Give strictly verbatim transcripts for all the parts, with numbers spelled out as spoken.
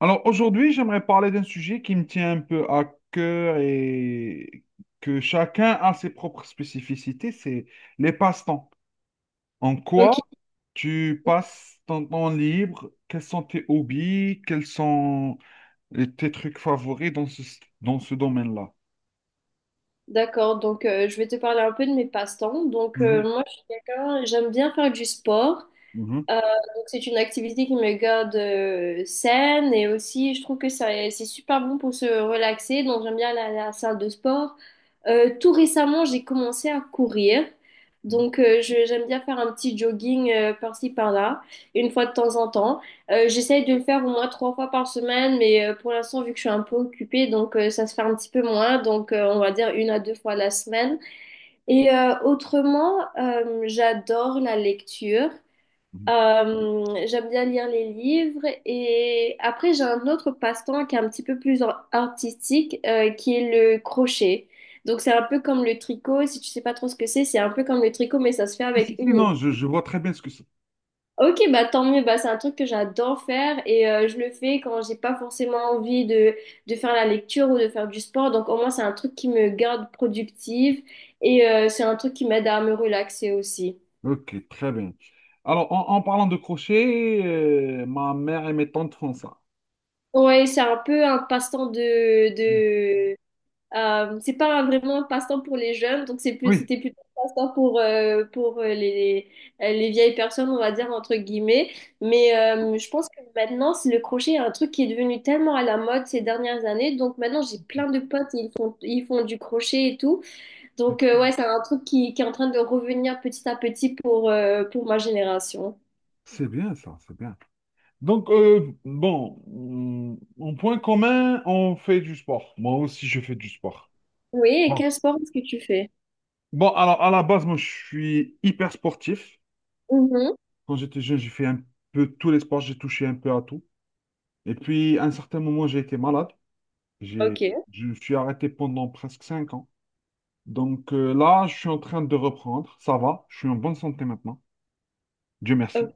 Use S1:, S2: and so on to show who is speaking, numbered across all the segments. S1: Alors aujourd'hui, j'aimerais parler d'un sujet qui me tient un peu à cœur et que chacun a ses propres spécificités, c'est les passe-temps. En
S2: Ok,
S1: quoi tu passes ton temps libre? Quels sont tes hobbies? Quels sont les- tes trucs favoris dans ce, dans ce domaine-là?
S2: d'accord. Donc, euh, je vais te parler un peu de mes passe-temps. Donc, euh,
S1: Mhm,
S2: moi, je suis quelqu'un, j'aime bien faire du sport.
S1: mhm,
S2: Euh, donc c'est une activité qui me garde euh, saine et aussi je trouve que ça, c'est super bon pour se relaxer. Donc j'aime bien la, la salle de sport. Euh, tout récemment, j'ai commencé à courir.
S1: mhm,
S2: Donc euh, je- j'aime bien faire un petit jogging euh, par-ci par-là, une fois de temps en temps. Euh, j'essaye de le faire au moins trois fois par semaine, mais euh, pour l'instant, vu que je suis un peu occupée, donc euh, ça se fait un petit peu moins. Donc euh, on va dire une à deux fois la semaine. Et euh, autrement, euh, j'adore la lecture.
S1: mhm.
S2: Euh, j'aime bien lire les livres et après j'ai un autre passe-temps qui est un petit peu plus en- artistique euh, qui est le crochet. Donc c'est un peu comme le tricot, si tu sais pas trop ce que c'est, c'est un peu comme le tricot mais ça se fait
S1: Si,
S2: avec
S1: si,
S2: une aiguille.
S1: non, je, je vois très bien ce que c'est.
S2: Ok, bah tant mieux, bah c'est un truc que j'adore faire et euh, je le fais quand j'ai pas forcément envie de, de faire la lecture ou de faire du sport. Donc au moins c'est un truc qui me garde productive et euh, c'est un truc qui m'aide à me relaxer aussi.
S1: Ok, très bien. Alors, en, en parlant de crochet, euh, ma mère et mes tantes font ça.
S2: Ouais, c'est un peu un passe-temps de, Euh, c'est pas un- vraiment un passe-temps pour les jeunes, donc c'est plus,
S1: Oui.
S2: c'était plutôt un passe-temps pour, euh, pour euh, les, les, les vieilles personnes, on va dire, entre guillemets. Mais euh, je pense que maintenant, c'est le crochet est un truc qui est devenu tellement à la mode ces dernières années. Donc maintenant, j'ai
S1: Ok.
S2: plein de potes, ils font, ils font du crochet et tout. Donc euh, ouais,
S1: Ok.
S2: c'est un truc qui, qui est en train de revenir petit à petit pour, euh, pour ma génération.
S1: C'est bien ça, c'est bien. Donc, euh, bon, hum, en point commun, on fait du sport. Moi aussi, je fais du sport.
S2: Oui, et
S1: Bon,
S2: quel sport est-ce que tu fais?
S1: Bon, alors, à la base, moi, je suis hyper sportif.
S2: Mhm.
S1: Quand j'étais jeune, j'ai fait un peu tous les sports, j'ai touché un peu à tout. Et puis, à un certain moment, j'ai été malade. J'ai,
S2: Ok.
S1: je me suis arrêté pendant presque cinq ans. Donc, euh, là, je suis en train de reprendre. Ça va, je suis en bonne santé maintenant. Dieu merci.
S2: Ok.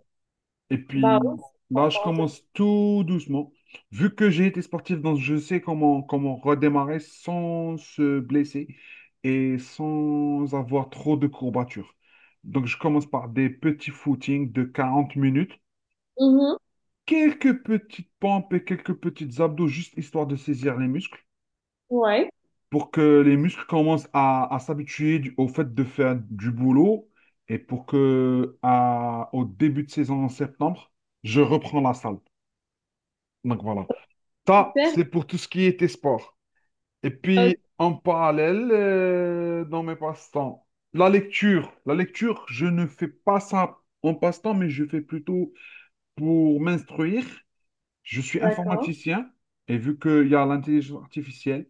S1: Et
S2: Bah oui,
S1: puis
S2: je suis
S1: là, je
S2: contente.
S1: commence tout doucement. Vu que j'ai été sportif, donc je sais comment, comment redémarrer sans se blesser et sans avoir trop de courbatures. Donc je commence par des petits footings de quarante minutes,
S2: Mhm.
S1: quelques petites pompes et quelques petites abdos, juste histoire de saisir les muscles,
S2: Ouais,
S1: pour que les muscles commencent à, à s'habituer du- au fait de faire du boulot et pour que à- au début de saison en septembre, je reprends la salle. Donc voilà. Ça,
S2: super.
S1: c'est pour tout ce qui était sport. Et
S2: Ok,
S1: puis, en parallèle, euh, dans mes passe-temps, la lecture. La lecture, je ne fais pas ça en passe-temps, mais je fais plutôt pour m'instruire. Je suis
S2: d'accord.
S1: informaticien et vu qu'il y a l'intelligence artificielle,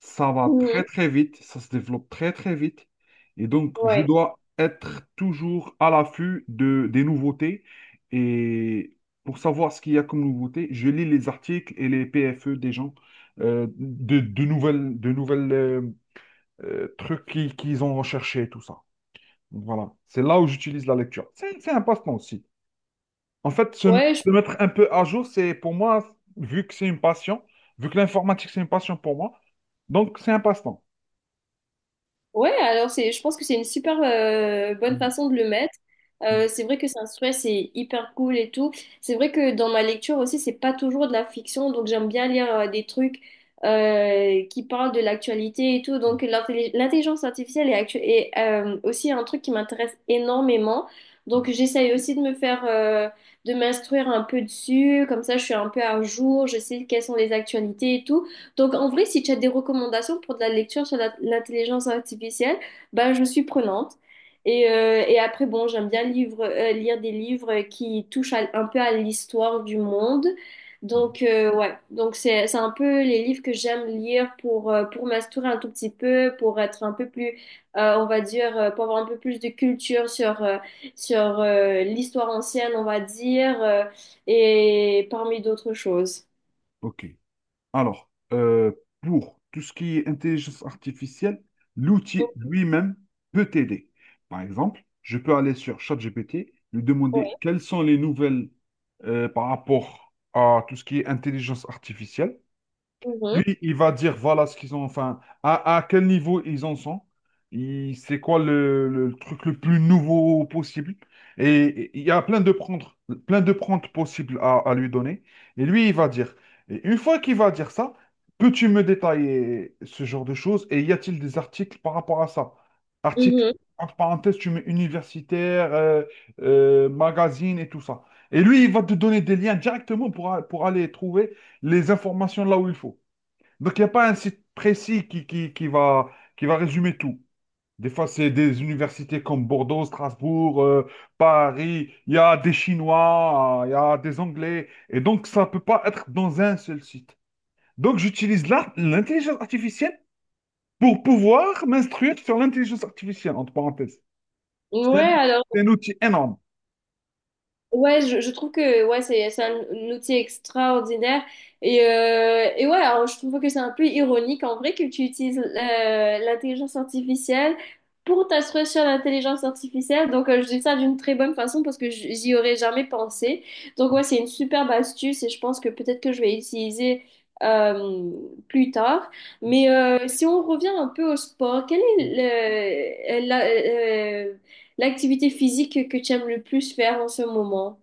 S1: ça va très
S2: Mhm.
S1: très vite, ça se développe très très vite. Et donc, je
S2: Ouais,
S1: dois être toujours à l'affût de, des nouveautés. Et pour savoir ce qu'il y a comme nouveauté, je lis les articles et les P F E des gens, euh, de, de nouvelles, de nouvelles euh, euh, trucs qu'ils qu'ils ont recherchés, tout ça. Donc, voilà, c'est là où j'utilise la lecture. C'est c'est un passe-temps aussi. En fait, se,
S2: ouais, je-
S1: se mettre un peu à jour, c'est pour moi, vu que c'est une passion, vu que l'informatique, c'est une passion pour moi, donc c'est un passe-temps.
S2: ouais. Alors c'est, je pense que c'est une super euh, bonne
S1: Mm,
S2: façon de le mettre.
S1: mm,
S2: Euh, c'est vrai que c'est un stress, c'est hyper cool et tout. C'est vrai que dans ma lecture aussi, c'est pas toujours de la fiction, donc j'aime bien lire euh, des trucs euh, qui parlent de l'actualité et tout.
S1: mm,
S2: Donc l'intelli- l'intelligence artificielle est, actu- est, euh, aussi un truc qui m'intéresse énormément.
S1: mm,
S2: Donc j'essaye aussi de me faire, euh, de m'instruire un peu dessus, comme ça je suis un peu à jour, je sais quelles sont les actualités et tout. Donc, en vrai, si tu as des recommandations pour de la lecture sur la- l'intelligence artificielle, ben, je suis prenante. Et, euh, et après, bon, j'aime bien livre- euh, lire des livres qui touchent à- un peu à l'histoire du monde.
S1: mm.
S2: Donc, euh, ouais, donc c'est, c'est un peu les livres que j'aime lire pour, euh, pour m'instruire un tout petit peu, pour être un peu plus, euh, on va dire, euh, pour avoir un peu plus de culture sur, euh, sur euh, l'histoire ancienne, on va dire, euh, et parmi d'autres choses.
S1: Ok. Alors, euh, pour tout ce qui est intelligence artificielle, l'outil lui-même peut t'aider. Par exemple, je peux aller sur ChatGPT, lui
S2: Oui.
S1: demander quelles sont les nouvelles euh, par rapport à tout ce qui est intelligence artificielle.
S2: Mhm.
S1: Lui, il va dire voilà ce qu'ils ont, enfin, à, à quel niveau ils en sont, il- c'est quoi le, le truc le plus nouveau possible. Et il y a plein de prendre, plein de prendre possibles à, à lui donner. Et lui, il va dire. Et une fois qu'il va dire ça, peux-tu me détailler ce genre de choses? Et y a-t-il des articles par rapport à ça? Articles,
S2: Mhm.
S1: entre parenthèses, tu mets universitaire, euh, euh, magazine et tout ça. Et lui, il va te donner des liens directement pour, a- pour aller trouver les informations là où il faut. Donc, il n'y a pas un site précis qui, qui, qui va, qui va résumer tout. Des fois, c'est des universités comme Bordeaux, Strasbourg, euh, Paris. Il y a des Chinois, euh, il y a des Anglais. Et donc, ça ne peut pas être dans un seul site. Donc, j'utilise l'art- l'intelligence artificielle pour pouvoir m'instruire sur l'intelligence artificielle, entre parenthèses. C'est
S2: Ouais,
S1: un, ou-
S2: alors,
S1: c'est un outil énorme.
S2: ouais, je, je trouve que ouais, c'est c'est un, un outil extraordinaire. Et, euh, et ouais, alors, je trouve que c'est un peu ironique en vrai que tu utilises euh, l'intelligence artificielle pour t'asseoir sur l'intelligence artificielle. Donc, euh, je dis ça d'une très bonne façon parce que j- j'y aurais jamais pensé. Donc, ouais, c'est une superbe astuce et je pense que peut-être que je vais utiliser euh, plus tard. Mais euh, si on revient un peu au sport, quel est le, la- euh, L'activité physique que tu aimes le plus faire en ce moment.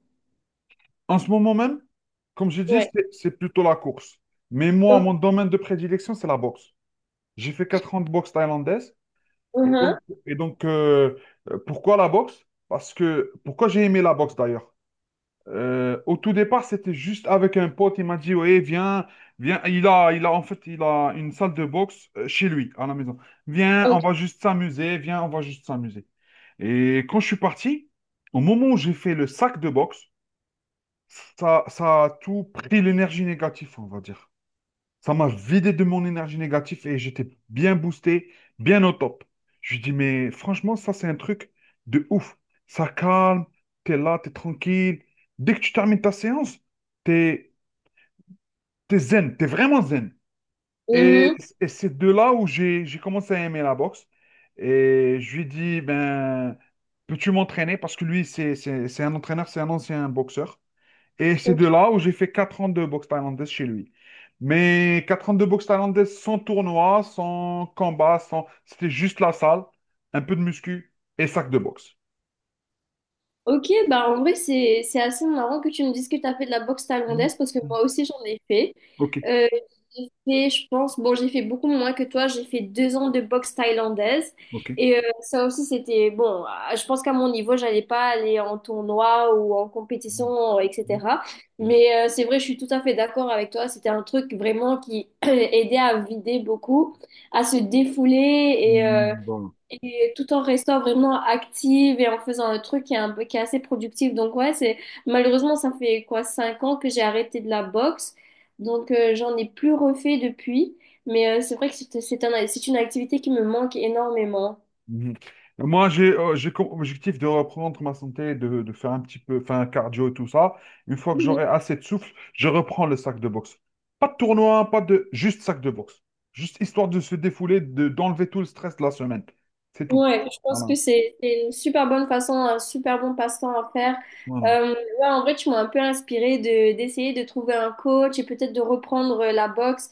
S1: En ce moment même, comme j'ai dit,
S2: Ouais.
S1: c'est c'est plutôt la course. Mais moi,
S2: Ok.
S1: mon domaine de prédilection, c'est la boxe. J'ai fait quatre ans de boxe thaïlandaise. Et donc,
S2: Mhm.
S1: et donc euh, euh, pourquoi la boxe? Parce que, pourquoi j'ai aimé la boxe d'ailleurs? Euh, au tout départ, c'était juste avec un pote, il m'a dit, ouais, viens, viens, il a, il a, en fait, il a une salle de boxe euh, chez lui, à la maison. Viens, on
S2: Ok.
S1: va juste s'amuser, viens, on va juste s'amuser. Et quand je suis parti, au moment où j'ai fait le sac de boxe, ça, ça a tout pris l'énergie négative, on va dire. Ça m'a vidé de mon énergie négative et j'étais bien boosté, bien au top. Je lui dis, mais franchement, ça, c'est un truc de ouf. Ça calme, t'es là, t'es tranquille. Dès que tu termines ta séance, t'es, t'es zen, t'es vraiment zen. Et,
S2: Mhm.
S1: et c'est de là où j'ai, j'ai commencé à aimer la boxe. Et je lui dis, ben, peux-tu m'entraîner? Parce que lui, c'est, c'est, c'est un entraîneur, c'est un ancien boxeur. Et c'est
S2: Ok.
S1: de là où j'ai fait quatre ans de boxe thaïlandaise chez lui. Mais quatre ans de boxe thaïlandaise sans tournoi, sans combat, sans... C'était juste la salle, un peu de muscu et sac de boxe.
S2: Ok, bah en vrai, c'est, c'est assez marrant que tu me dises que tu as fait de la boxe
S1: Mm,
S2: thaïlandaise parce que
S1: mm.
S2: moi aussi j'en ai fait.
S1: Ok,
S2: Euh, j'ai fait, je pense, bon, j'ai fait beaucoup moins que toi, j'ai fait deux ans de boxe thaïlandaise
S1: ok.
S2: et euh, ça aussi c'était bon. Ah, je pense qu'à mon niveau, j'allais pas aller en tournoi ou en
S1: Mm,
S2: compétition,
S1: mm,
S2: et cetera.
S1: mm.
S2: Mais euh, c'est vrai, je suis tout à fait d'accord avec toi, c'était un truc vraiment qui aidait à vider beaucoup, à se défouler et euh,
S1: Mm, bon,
S2: et tout en restant vraiment active et en faisant un truc qui est un peu, qui est assez productif. Donc ouais, c'est malheureusement ça fait quoi cinq ans que j'ai arrêté de la boxe. Donc euh, j'en ai plus refait depuis, mais euh, c'est vrai que c'est c'est un- c'est une activité qui me manque énormément.
S1: mhm. Moi, j'ai euh, j'ai comme objectif de reprendre ma santé, de, de faire un petit peu, enfin, cardio et tout ça. Une fois que j'aurai assez de souffle, je reprends le sac de boxe. Pas de tournoi, pas de... Juste sac de boxe. Juste histoire de se défouler, de, d'enlever tout le stress de la semaine. C'est tout.
S2: Ouais, je pense
S1: Voilà.
S2: que c'est c'est une super bonne façon, un super bon passe-temps à faire.
S1: Voilà.
S2: Euh, là, en vrai, tu m'as un peu inspiré de d'essayer de trouver un coach et peut-être de reprendre euh, la boxe,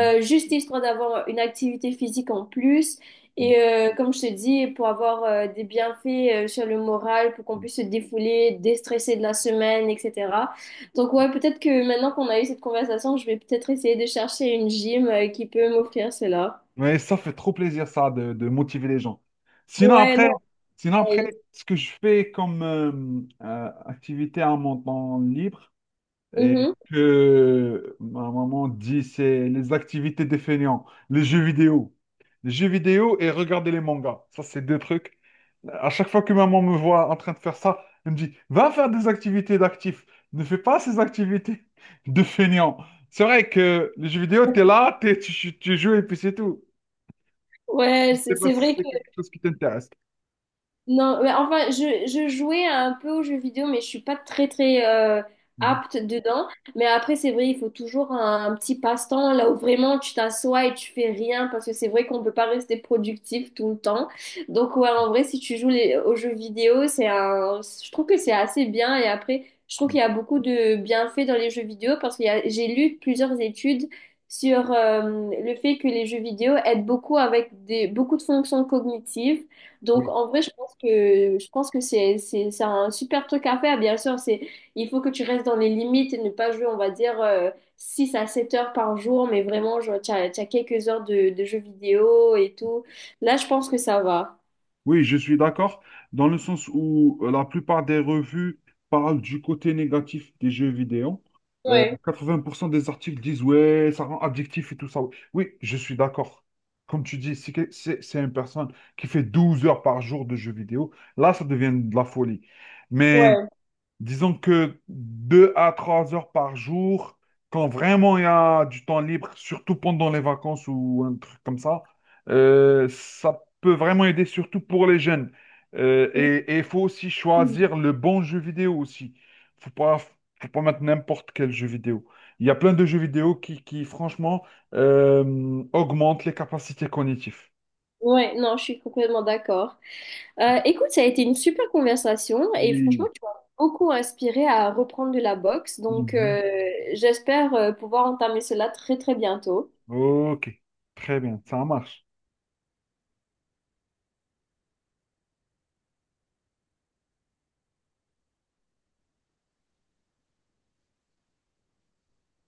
S1: Mm,
S2: juste histoire d'avoir une activité physique en plus.
S1: mm,
S2: Et euh, comme je te dis, pour avoir euh, des bienfaits euh, sur le moral, pour qu'on
S1: mm.
S2: puisse se défouler, déstresser de la semaine, et cetera. Donc ouais, peut-être que maintenant qu'on a eu cette conversation, je vais peut-être essayer de chercher une gym euh, qui peut m'offrir cela.
S1: Mais ça fait trop plaisir, ça, de, de motiver les gens. Sinon,
S2: Ouais,
S1: après,
S2: non.
S1: sinon
S2: euh,
S1: après, ce que je fais comme euh, euh, activité à mon temps libre, et
S2: mhm.
S1: que ma maman dit c'est les activités des fainéants, les jeux vidéo. Les jeux vidéo et regarder les mangas. Ça, c'est deux trucs. À chaque fois que maman me voit en train de faire ça, elle me dit, va faire des activités d'actifs. Ne fais pas ces activités de fainéants. C'est vrai que les jeux vidéo, t'es là, t'es- tu, tu- tu joues et puis c'est tout.
S2: Ouais,
S1: Je
S2: c'est
S1: sais pas
S2: c'est
S1: si
S2: vrai
S1: c'est
S2: que
S1: quelque chose qui t'intéresse.
S2: non, mais enfin, je, je jouais un peu aux jeux vidéo, mais je suis pas très très euh,
S1: Mhm.
S2: apte dedans. Mais après, c'est vrai, il faut toujours un, un petit passe-temps là où vraiment tu t'assois et tu fais rien parce que c'est vrai qu'on peut pas rester productif tout le temps. Donc ouais, en vrai, si tu joues les- aux jeux vidéo, c'est un, je trouve que c'est assez bien. Et après, je trouve qu'il y a beaucoup de bienfaits dans les jeux vidéo parce qu'il y a, j'ai lu plusieurs études sur euh, le fait que les jeux vidéo aident beaucoup avec des, beaucoup de fonctions cognitives. Donc,
S1: Oui.
S2: en vrai, je que je pense que c'est c'est c'est un super truc à faire. Bien sûr, c'est il faut que tu restes dans les limites et ne pas jouer, on va dire, euh, six à sept heures par jour, mais vraiment, genre, tu as, quelques heures de, de jeux vidéo et tout. Là, je pense que ça va.
S1: Oui, je suis d'accord, dans le sens où euh, la plupart des revues parlent du côté négatif des jeux vidéo. Euh,
S2: Ouais,
S1: quatre-vingts pour cent des articles disent, ouais, ça rend addictif et tout ça. Oui, je suis d'accord. Comme tu dis, si que- c'est c'est une personne qui fait douze heures par jour de jeux vidéo, là, ça devient de la folie. Mais
S2: ouais.
S1: disons que deux à trois heures par jour, quand vraiment il y a du temps libre, surtout pendant les vacances ou un truc comme ça, euh, ça peut vraiment aider, surtout pour les jeunes. Euh, et et il faut aussi
S2: Mhm.
S1: choisir le bon jeu vidéo aussi. Faut pas, faut pas mettre n'importe quel jeu vidéo. Il y a plein de jeux vidéo qui, qui franchement, euh, augmentent les capacités cognitives.
S2: Ouais, non, je suis complètement d'accord. Euh, écoute, ça a été une super conversation et franchement,
S1: Oui.
S2: tu m'as beaucoup inspiré à reprendre de la boxe. Donc,
S1: Mhm.
S2: euh, j'espère euh, pouvoir entamer cela très, très bientôt.
S1: Ok, très bien, ça marche.